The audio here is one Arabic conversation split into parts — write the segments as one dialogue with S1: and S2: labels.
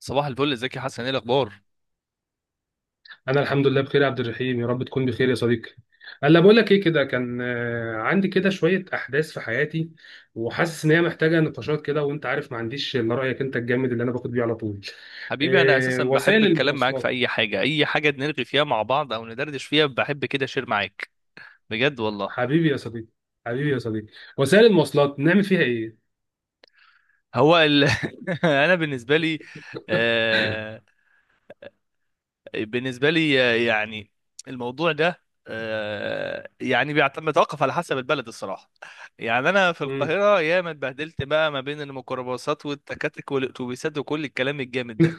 S1: صباح الفل، ازيك يا حسن؟ ايه الاخبار؟
S2: انا الحمد لله بخير يا عبد الرحيم، يا رب تكون بخير يا صديقي. هلا، بقول لك ايه، كده كان عندي كده شويه احداث في حياتي، وحاسس ان هي محتاجه نقاشات كده، وانت عارف ما عنديش الا رايك انت الجامد اللي انا باخد بيه على طول.
S1: حبيبي، انا اساسا بحب
S2: وسائل
S1: الكلام معاك في
S2: المواصلات.
S1: اي حاجه، اي حاجه نلغي فيها مع بعض او ندردش فيها، بحب كده اشير معاك. بجد والله.
S2: حبيبي يا صديقي. حبيبي يا صديقي. وسائل المواصلات نعمل فيها ايه؟
S1: هو ال... انا بالنسبه لي آه... بالنسبه لي يعني الموضوع ده يعني بيعتمد يتوقف على حسب البلد الصراحه. يعني انا في
S2: مم.
S1: القاهره ياما اتبهدلت بقى ما بين الميكروباصات والتكاتك والاتوبيسات وكل الكلام الجامد ده.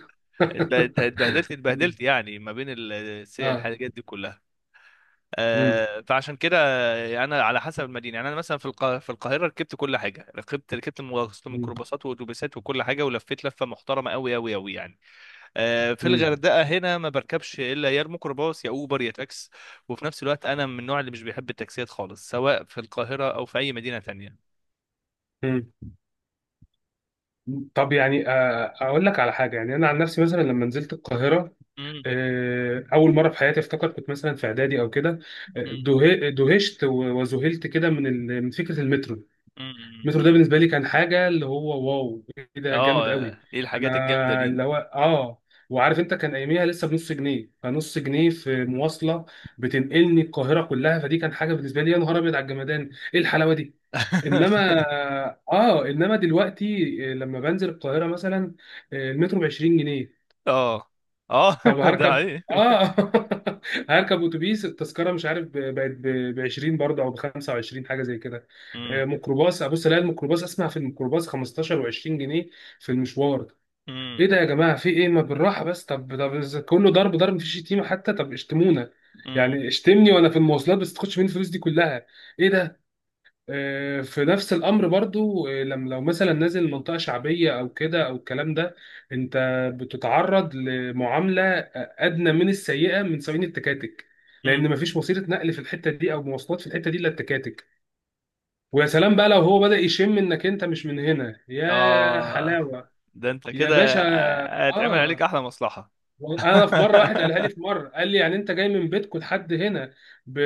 S1: اتب-
S2: مم.
S1: اتبهدلت يعني ما بين
S2: اه.
S1: الحاجات دي كلها.
S2: مم.
S1: فعشان كده انا على حسب المدينه، يعني انا مثلا في في القاهره ركبت كل حاجه، ركبت
S2: مم.
S1: ميكروباصات واتوبيسات وكل حاجه، ولفيت لفه محترمه قوي قوي قوي يعني. في
S2: مم.
S1: الغردقه هنا ما بركبش الا يا الميكروباص يا اوبر يا تاكس. وفي نفس الوقت انا من النوع اللي مش بيحب التاكسيات خالص، سواء في القاهره او في اي مدينه تانية.
S2: مم. طب يعني اقول لك على حاجه. يعني انا عن نفسي مثلا لما نزلت القاهره،
S1: مم،
S2: اول مره في حياتي افتكر كنت مثلا في اعدادي او كده،
S1: مم،
S2: دهشت وذهلت كده من من فكره المترو.
S1: مم.
S2: المترو ده بالنسبه لي كان حاجه، اللي هو واو، ايه
S1: اه،
S2: ده جامد قوي.
S1: ايه الحاجات الجامده
S2: انا
S1: دي؟
S2: اللي هو اه، وعارف انت، كان اياميها لسه بنص جنيه، فنص جنيه في مواصله بتنقلني القاهره كلها. فدي كان حاجه بالنسبه لي، يا نهار ابيض على الجمدان، ايه الحلاوه دي. انما اه انما دلوقتي لما بنزل القاهره مثلا المترو ب 20 جنيه.
S1: اه اه،
S2: طب
S1: ده
S2: هركب،
S1: ايه؟
S2: اه هركب اتوبيس، التذكره مش عارف بقت ب 20 برضه، او ب 25 حاجه زي كده.
S1: مم.
S2: ميكروباص، ابص الاقي الميكروباص، اسمع في الميكروباص 15 و20 جنيه في المشوار.
S1: مم.
S2: ايه ده يا جماعه، في ايه، ما بالراحه بس، طب إذا كله ضرب ضرب، مفيش شتيمه حتى، طب اشتمونا
S1: مم.
S2: يعني، اشتمني وانا في المواصلات، بس تاخدش مني الفلوس دي كلها. ايه ده. في نفس الامر برضو، لما لو مثلا نازل منطقه شعبيه او كده او الكلام ده، انت بتتعرض لمعامله ادنى من السيئه من سواقين التكاتك، لان
S1: مم.
S2: مفيش وسيله نقل في الحته دي او مواصلات في الحته دي الا التكاتك. ويا سلام بقى لو هو بدأ يشم انك انت مش من هنا، يا
S1: اه،
S2: حلاوه
S1: ده انت
S2: يا
S1: كده
S2: باشا.
S1: هيتعمل عليك
S2: اه.
S1: احلى مصلحة.
S2: انا في مره، واحد قالها لي، في مره قال لي يعني انت جاي من بيتكم لحد هنا ب...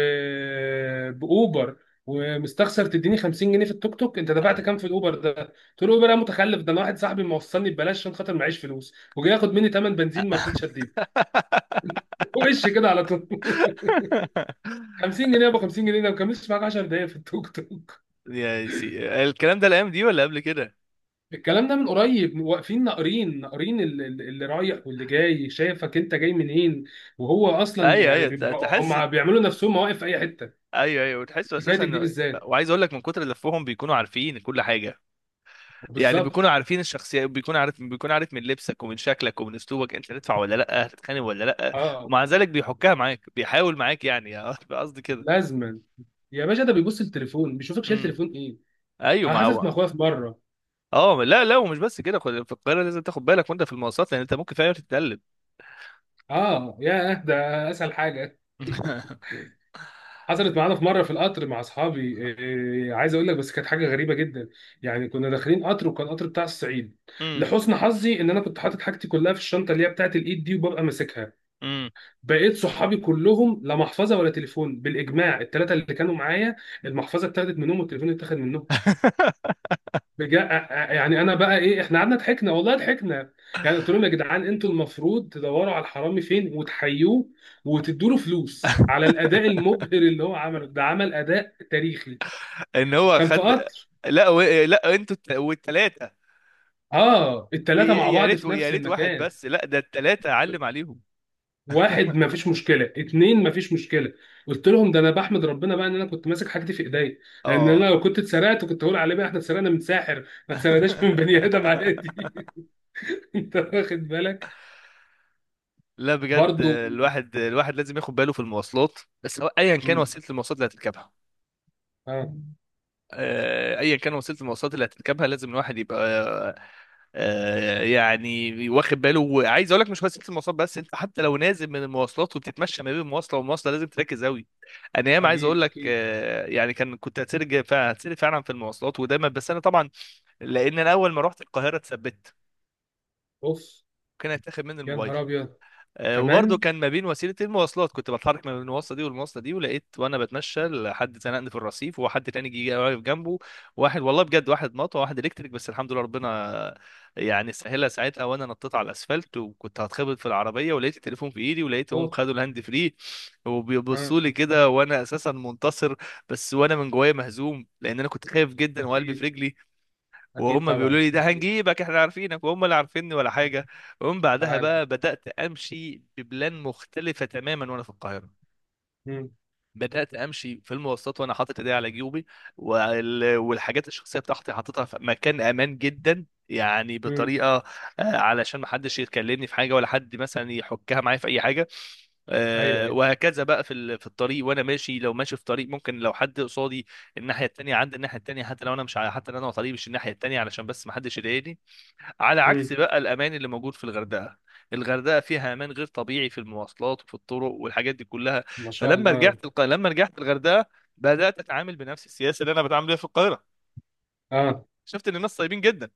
S2: باوبر، ومستخسر تديني 50 جنيه في التوك توك؟ انت دفعت كام في الاوبر ده؟ قلت له الاوبر ده متخلف، ده انا واحد صاحبي موصلني ببلاش عشان خاطر معيش فلوس، وجاي ياخد مني ثمن بنزين، ما رضيتش اديله. وش كده على طول. 50 جنيه. ابو 50 جنيه ده ما كملش معاك 10 دقايق في التوك توك.
S1: يا سي، الكلام ده الايام دي ولا قبل كده؟
S2: الكلام ده من قريب، واقفين ناقرين ناقرين اللي رايح واللي جاي، شايفك انت جاي منين، وهو اصلا
S1: ايوه
S2: يعني
S1: ايوه، تحس.
S2: هم بيعملوا نفسهم مواقف في اي حته.
S1: ايوه ايوه، وتحسوا اساسا
S2: حكايتك دي
S1: انه،
S2: بالذات.
S1: وعايز اقول لك من كتر لفهم بيكونوا عارفين كل حاجه. يعني بيكونوا
S2: وبالظبط.
S1: عارفين الشخصيه، بيكون عارف من لبسك ومن شكلك ومن اسلوبك انت هتدفع ولا لا، هتتخانق ولا لا.
S2: اه.
S1: ومع ذلك بيحكها معاك بيحاول معاك يعني. قصدي كده.
S2: لازما. يا باشا، ده بيبص التليفون، بيشوفك شايل
S1: امم.
S2: تليفون ايه.
S1: ايوه
S2: انا
S1: ما
S2: حصلت
S1: هو.
S2: مع اخويا في مره.
S1: اه، لا لا، ومش بس كده، في القاهره لازم تاخد بالك وانت في المواصلات، لان انت ممكن في اي وقت تتقلب.
S2: اه، يا ده اسهل حاجه. حصلت معانا في مره في القطر مع اصحابي، عايز اقول لك بس كانت حاجه غريبه جدا. يعني كنا داخلين قطر وكان قطر بتاع الصعيد.
S1: امم.
S2: لحسن حظي ان انا كنت حاطط حاجتي كلها في الشنطه اللي هي بتاعت الايد دي وببقى ماسكها.
S1: امم.
S2: بقيت صحابي كلهم لا محفظه ولا تليفون، بالاجماع الثلاثه اللي كانوا معايا، المحفظه اتاخدت منهم والتليفون اتاخد منهم. بجا... يعني انا بقى ايه، احنا قعدنا ضحكنا، والله ضحكنا. يعني قلت لهم يا جدعان انتوا المفروض تدوروا على الحرامي فين وتحيوه، وتدوا له فلوس على الاداء المبهر اللي هو عمله ده، عمل اداء تاريخي.
S1: ان هو
S2: كان في
S1: خد.
S2: قطر.
S1: لا انتوا والتلاته.
S2: اه، الثلاثه مع
S1: يا
S2: بعض
S1: ريت
S2: في
S1: يا
S2: نفس
S1: ريت واحد
S2: المكان.
S1: بس، لا ده التلاته اعلم عليهم.
S2: واحد ما فيش مشكله، اتنين ما فيش مشكله. قلت لهم ده انا بحمد ربنا بقى ان انا كنت ماسك حاجتي في ايديا، لان انا
S1: اه.
S2: لو كنت اتسرقت كنت هقول عليه بقى احنا اتسرقنا من ساحر، ما اتسرقناش من بني ادم عادي. انت واخد بالك.
S1: لا بجد،
S2: برضو.
S1: الواحد لازم ياخد باله في المواصلات، بس هو ايا كان وسيله المواصلات اللي هتركبها،
S2: اه.
S1: ايا كان وسيله المواصلات اللي هتركبها لازم الواحد يبقى يعني واخد باله. وعايز اقول لك مش وسيله المواصلات بس، انت حتى لو نازل من المواصلات وبتتمشى ما بين مواصله ومواصله لازم تركز قوي. انا ياما عايز اقول
S2: اكيد
S1: لك
S2: اكيد.
S1: يعني كنت هتسرج فعلا، هتسرج فعلا في المواصلات ودايما. بس انا طبعا، لان انا اول ما رحت القاهره اتثبت،
S2: اوف.
S1: كان هيتاخد مني
S2: يا
S1: الموبايل.
S2: نهار ابيض.
S1: وبرضه
S2: كمان.
S1: كان ما بين وسيله المواصلات كنت بتحرك ما بين المواصله دي والمواصله دي، ولقيت وانا بتمشى حد زنقني في الرصيف، وحد تاني جه واقف جنبه. واحد والله بجد، واحد مطوه واحد الكتريك، بس الحمد لله ربنا يعني سهلها ساعتها، وانا نطيت على الاسفلت، وكنت هتخبط في العربيه، ولقيت التليفون في ايدي، ولقيتهم
S2: اوه.
S1: خدوا الهاند فري،
S2: اه.
S1: وبيبصوا لي كده وانا اساسا منتصر، بس وانا من جوايا مهزوم، لان انا كنت خايف جدا وقلبي في
S2: اكيد
S1: رجلي.
S2: اكيد
S1: وهم بيقولوا
S2: طبعا
S1: لي ده
S2: اكيد.
S1: هنجيبك احنا عارفينك، وهم اللي عارفيني ولا حاجه. ومن بعدها
S2: تعال.
S1: بقى بدات امشي ببلان مختلفه تماما وانا في القاهره.
S2: مم.
S1: بدأت أمشي في المواصلات وأنا حاطط إيدي على جيوبي، والحاجات الشخصية بتاعتي حاططها في مكان أمان جدا، يعني
S2: مم.
S1: بطريقة، علشان ما حدش يكلمني في حاجة ولا حد مثلا يحكها معايا في أي حاجة.
S2: ايوه ايوه.
S1: وهكذا بقى في في الطريق وأنا ماشي، لو ماشي في طريق ممكن لو حد قصادي الناحية التانية عند الناحية التانية، حتى لو أنا مش ع- حتى لو أنا على طريق مش الناحية التانية علشان بس ما حدش يضايقني. على عكس
S2: مم.
S1: بقى الامان اللي موجود في الغردقه. الغردقه فيها امان غير طبيعي في المواصلات وفي الطرق والحاجات دي كلها.
S2: ما شاء الله.
S1: لما رجعت الغردقه، بدات اتعامل بنفس السياسه اللي انا بتعامل بيها في القاهره.
S2: اه.
S1: شفت ان الناس طيبين جدا.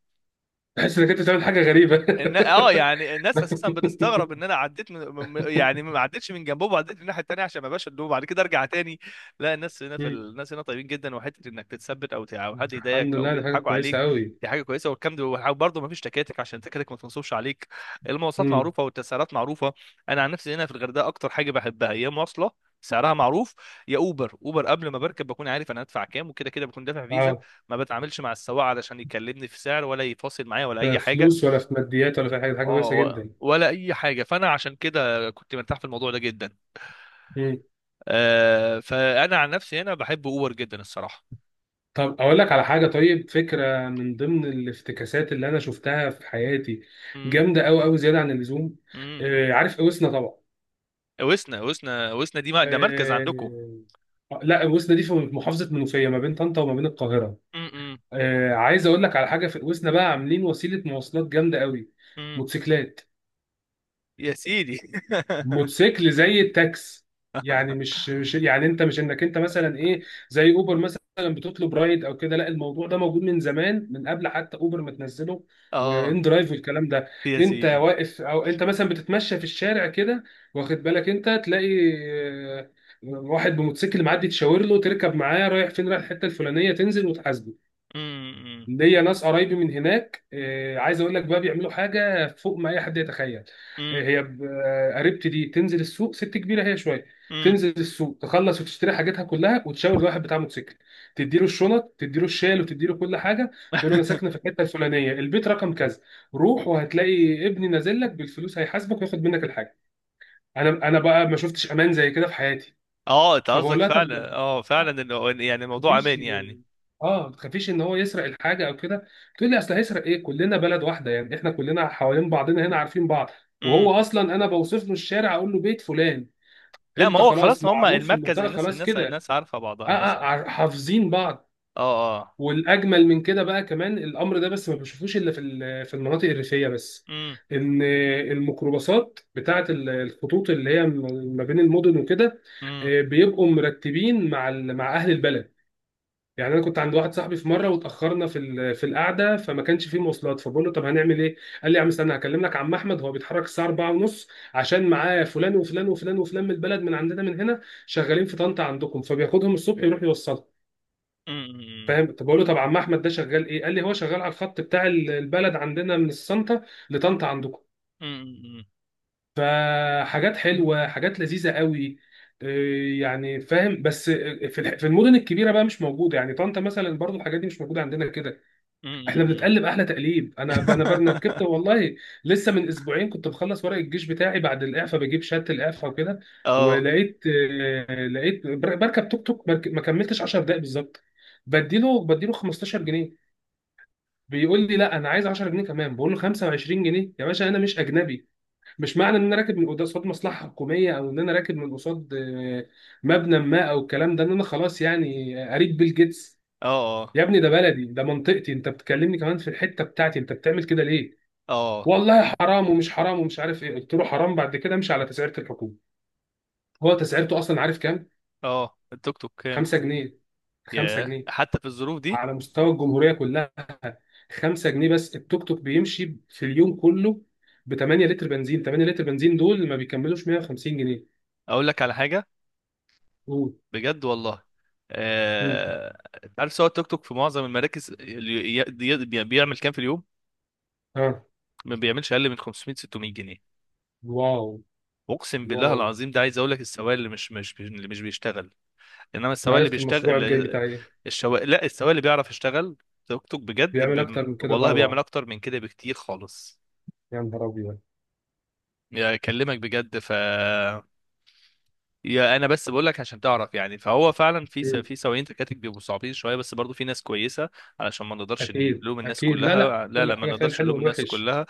S2: تحس انك انت بتعمل حاجه غريبه.
S1: ان اه يعني الناس اساسا بتستغرب ان انا عديت يعني ما عديتش من جنبهم، وعديت من الناحيه التانيه عشان ما بقاش ادوه بعد كده ارجع تاني. لا، الناس هنا في
S2: مم.
S1: الناس هنا طيبين جدا، وحته انك تتثبت او او حد
S2: الحمد
S1: يضايقك او
S2: لله، دي حاجه
S1: يضحكوا
S2: كويسه
S1: عليك.
S2: قوي.
S1: دي حاجه كويسه، والكلام ده برضه ما فيش تكاتك عشان التكاتك ما تنصبش عليك. المواصلات
S2: مم.
S1: معروفه والتسعيرات معروفه. انا عن نفسي هنا في الغردقه اكتر حاجه بحبها يا مواصله سعرها معروف يا اوبر. اوبر قبل ما بركب بكون عارف انا هدفع كام، وكده كده بكون دافع فيزا.
S2: اه.
S1: ما بتعاملش مع السواق علشان يكلمني في سعر ولا يفاصل معايا ولا
S2: لا
S1: اي حاجه.
S2: فلوس ولا في ماديات ولا في أي حاجه، حاجه
S1: اه،
S2: كويسه جدا.
S1: ولا اي حاجه. فانا عشان كده كنت مرتاح في الموضوع ده جدا. آه، فانا عن نفسي هنا بحب اوبر جدا الصراحه.
S2: طب اقول لك على حاجه، طيب فكره من ضمن الافتكاسات اللي انا شفتها في حياتي،
S1: امم.
S2: جامده قوي قوي زياده عن اللزوم.
S1: امم.
S2: آه، عارف اوسنا طبعا.
S1: وسنا دي ما ده مركز
S2: آه.
S1: عندكم؟
S2: لا، اوسنا دي في محافظه منوفيه ما بين طنطا وما بين القاهره.
S1: امم.
S2: آه، عايز اقول لك على حاجه، في اوسنا بقى عاملين وسيله مواصلات جامده قوي.
S1: امم.
S2: موتوسيكلات.
S1: يا سيدي.
S2: موتوسيكل زي التاكس. يعني مش يعني انت مش انك انت مثلا ايه، زي اوبر مثلا بتطلب رايد او كده، لا الموضوع ده موجود من زمان، من قبل حتى اوبر ما تنزله
S1: اه
S2: وان درايف والكلام ده.
S1: يا
S2: انت
S1: سيدي.
S2: واقف، او انت مثلا بتتمشى في الشارع كده، واخد بالك، انت تلاقي واحد بموتوسيكل معدي، تشاور له، تركب معاه، رايح فين، رايح الحته الفلانيه، تنزل وتحاسبه.
S1: امم.
S2: ليا ناس قرايبي من هناك، عايز اقول لك بقى بيعملوا حاجه فوق ما اي حد يتخيل. آه،
S1: امم.
S2: هي ب- آه، قريبتي دي تنزل السوق، ست كبيره هي شويه،
S1: امم.
S2: تنزل السوق تخلص وتشتري حاجاتها كلها، وتشاور الواحد بتاع موتوسيكل، تديله الشنط، تديله الشال، وتديله كل حاجه، تقول له انا ساكنه في الحته الفلانيه البيت رقم كذا، روح وهتلاقي ابني نازل لك بالفلوس، هيحاسبك وياخد منك الحاجه. انا بقى ما شفتش امان زي كده في حياتي.
S1: اه، انت
S2: فبقول
S1: قصدك
S2: لها طب،
S1: فعلا، اه فعلا، يعني الموضوع
S2: مفيش،
S1: امان يعني.
S2: اه، ما تخافيش ان هو يسرق الحاجه او كده؟ تقول لي اصل هيسرق ايه، كلنا بلد واحده يعني، احنا كلنا حوالين بعضنا هنا، عارفين بعض.
S1: امم.
S2: وهو اصلا انا بوصف له الشارع، اقول له بيت فلان.
S1: لا، ما
S2: انت
S1: هو
S2: خلاص
S1: خلاص هم
S2: معروف في
S1: المركز،
S2: المنطقه، خلاص كده.
S1: الناس عارفه
S2: اه
S1: بعضها، الناس
S2: اه،
S1: عارفة.
S2: حافظين بعض.
S1: اه اه.
S2: والاجمل من كده بقى كمان الامر ده، بس ما بشوفوش الا في في المناطق الريفيه بس، ان الميكروباصات بتاعه الخطوط اللي هي ما بين المدن وكده،
S1: امم.
S2: بيبقوا مرتبين مع مع اهل البلد. يعني انا كنت عند واحد صاحبي في مره واتاخرنا في في القعده، فما كانش فيه مواصلات، فبقول له طب هنعمل ايه؟ قال لي يا عم استنى، هكلم لك عم احمد، هو بيتحرك الساعه 4 ونص عشان معاه فلان وفلان وفلان وفلان من البلد من عندنا، من هنا شغالين في طنطا عندكم، فبياخدهم الصبح يروح يوصلهم.
S1: امم.
S2: فاهم؟ طب بقول له طب عم احمد ده شغال ايه؟ قال لي هو شغال على الخط بتاع البلد عندنا من السنطه لطنطا عندكم.
S1: امم.
S2: فحاجات حلوه، حاجات لذيذه قوي. إيه يعني فاهم، بس في في المدن الكبيره بقى مش موجوده، يعني طنطا مثلا برضو الحاجات دي مش موجوده عندنا كده. احنا
S1: امم.
S2: بنتقلب احلى تقليب. انا ركبت والله، لسه من اسبوعين كنت بخلص ورق الجيش بتاعي بعد الاعفاء، بجيب شهاده الاعفاء وكده،
S1: اه
S2: ولقيت، بركب توك توك، ما كملتش 10 دقائق بالظبط، بديله 15 جنيه. بيقول لي لا انا عايز 10 جنيه كمان. بقول له 25 جنيه يا باشا، انا مش اجنبي، مش معنى ان انا راكب من قصاد مصلحه حكوميه، او ان انا راكب من قصاد مبنى ما او الكلام ده، ان انا خلاص يعني قريب بيل جيتس.
S1: اه.
S2: يا ابني ده بلدي، ده منطقتي، انت بتكلمني كمان في الحته بتاعتي، انت بتعمل كده ليه؟
S1: اه
S2: والله حرام، ومش حرام، ومش عارف ايه. قلت له حرام، بعد كده امشي على تسعيره الحكومه. هو تسعيرته اصلا عارف كام؟
S1: اه. التوك توك كام؟
S2: 5 جنيه. 5
S1: ياه،
S2: جنيه
S1: حتى في الظروف دي.
S2: على مستوى الجمهوريه كلها. 5 جنيه بس. التوك توك بيمشي في اليوم كله ب 8 لتر بنزين، 8 لتر بنزين دول ما بيكملوش 150 جنيه.
S1: اقول لك على حاجه.
S2: قول.
S1: بجد والله.
S2: مم.
S1: آه... انت عارف سواق التوك توك في معظم المراكز اللي بيعمل كام في اليوم؟
S2: اه.
S1: ما بيعملش اقل من 500 600 جنيه.
S2: واو
S1: اقسم بالله
S2: واو.
S1: العظيم. ده عايز اقول لك السواق اللي مش مش بي- اللي مش بيشتغل، انما
S2: انا
S1: السواق اللي
S2: عرفت المشروع
S1: بيشتغل.
S2: الجاي بتاعي ايه.
S1: لا، السواق اللي بيعرف يشتغل توك توك بجد
S2: بيعمل اكتر من كده
S1: والله بيعمل
S2: طبعا.
S1: اكتر من كده بكتير خالص.
S2: يا نهار ابيض.
S1: يا اكلمك بجد يا انا بس بقول لك عشان تعرف، يعني فهو فعلا في في سواقين تكاتك بيبقوا صعبين شويه، بس برضو في ناس كويسه، علشان ما نقدرش
S2: أكيد
S1: نلوم الناس
S2: أكيد. لا لا،
S1: كلها. لا
S2: كل
S1: لا، ما
S2: حاجة فيها
S1: نقدرش
S2: الحلو
S1: نلوم الناس
S2: والوحش.
S1: كلها.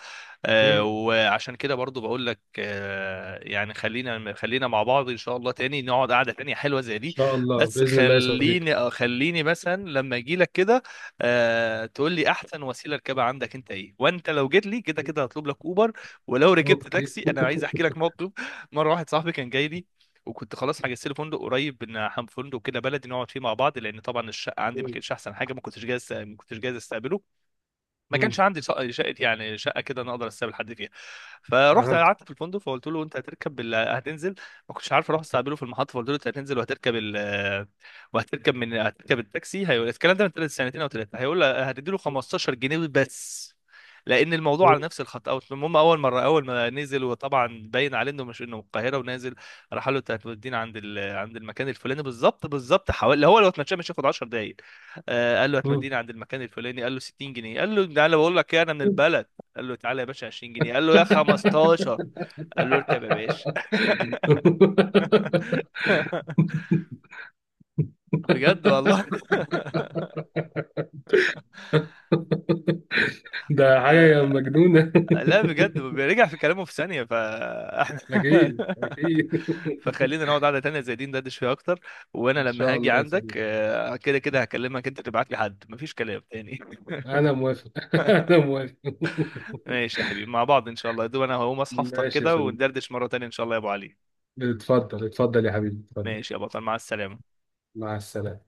S2: مم.
S1: آه،
S2: إن
S1: وعشان كده برضو بقول لك آه، يعني خلينا مع بعض ان شاء الله تاني نقعد قعده تانية حلوه زي دي.
S2: شاء الله
S1: بس
S2: بإذن الله يا صديقي.
S1: خليني آه، خليني مثلا لما اجي لك كده، آه، تقول لي احسن وسيله ركبها عندك انت ايه، وانت لو جيت لي كده كده هطلب لك اوبر. ولو ركبت
S2: أوكي.
S1: تاكسي، انا عايز احكي لك موقف. مره واحد صاحبي كان جاي لي، وكنت خلاص حجزت لي فندق قريب، فندق كده بلدي نقعد فيه مع بعض، لان طبعا الشقه عندي ما
S2: مم.
S1: كانتش احسن حاجه، ما كنتش جاهز استقبله. ما
S2: مم.
S1: كانش عندي شقه، يعني شقه كده انا اقدر استقبل حد فيها. فرحت
S2: أها.
S1: قعدت في الفندق، فقلت له انت هتنزل. ما كنتش عارف اروح استقبله في المحطه، فقلت له انت هتنزل وهتركب من هتركب التاكسي، هيقول الكلام ده من ثلاث سنتين او ثلاثه، هيقول لي هتديله 15 جنيه بس لان الموضوع
S2: مم.
S1: على نفس الخط. اوت، المهم اول مره اول ما نزل، وطبعا باين عليه انه مش انه من القاهره ونازل، راح قال له انت عند المكان الفلاني بالظبط بالظبط، حوالي هو لو اتمشى مش هياخد 10 دقائق. آه، قال له
S2: مم.
S1: هتوديني عند المكان الفلاني، قال له 60 جنيه، قال له تعالى بقول لك ايه انا من البلد، قال له تعالى يا باشا 20 جنيه، قال له يا 15، قال له اركب يا باشا. بجد والله.
S2: ده حاجة مجنونة.
S1: لا بجد، بيرجع في كلامه في ثانية.
S2: أكيد أكيد.
S1: فخلينا نقعد قعدة تانية زي دي ندردش فيها أكتر. وأنا
S2: إن
S1: لما
S2: شاء
S1: هاجي
S2: الله يا
S1: عندك
S2: صديقي.
S1: آه، كده كده هكلمك، أنت تبعت لي حد، مفيش كلام تاني.
S2: أنا موافق. أنا موافق.
S1: ماشي يا حبيبي، مع بعض إن شاء الله. يا دوب أنا هقوم أصحى أفطر
S2: ماشي يا
S1: كده
S2: صديقي.
S1: وندردش مرة تانية إن شاء الله يا أبو علي.
S2: اتفضل اتفضل يا حبيبي اتفضل.
S1: ماشي يا بطل، مع السلامة.
S2: مع السلامة.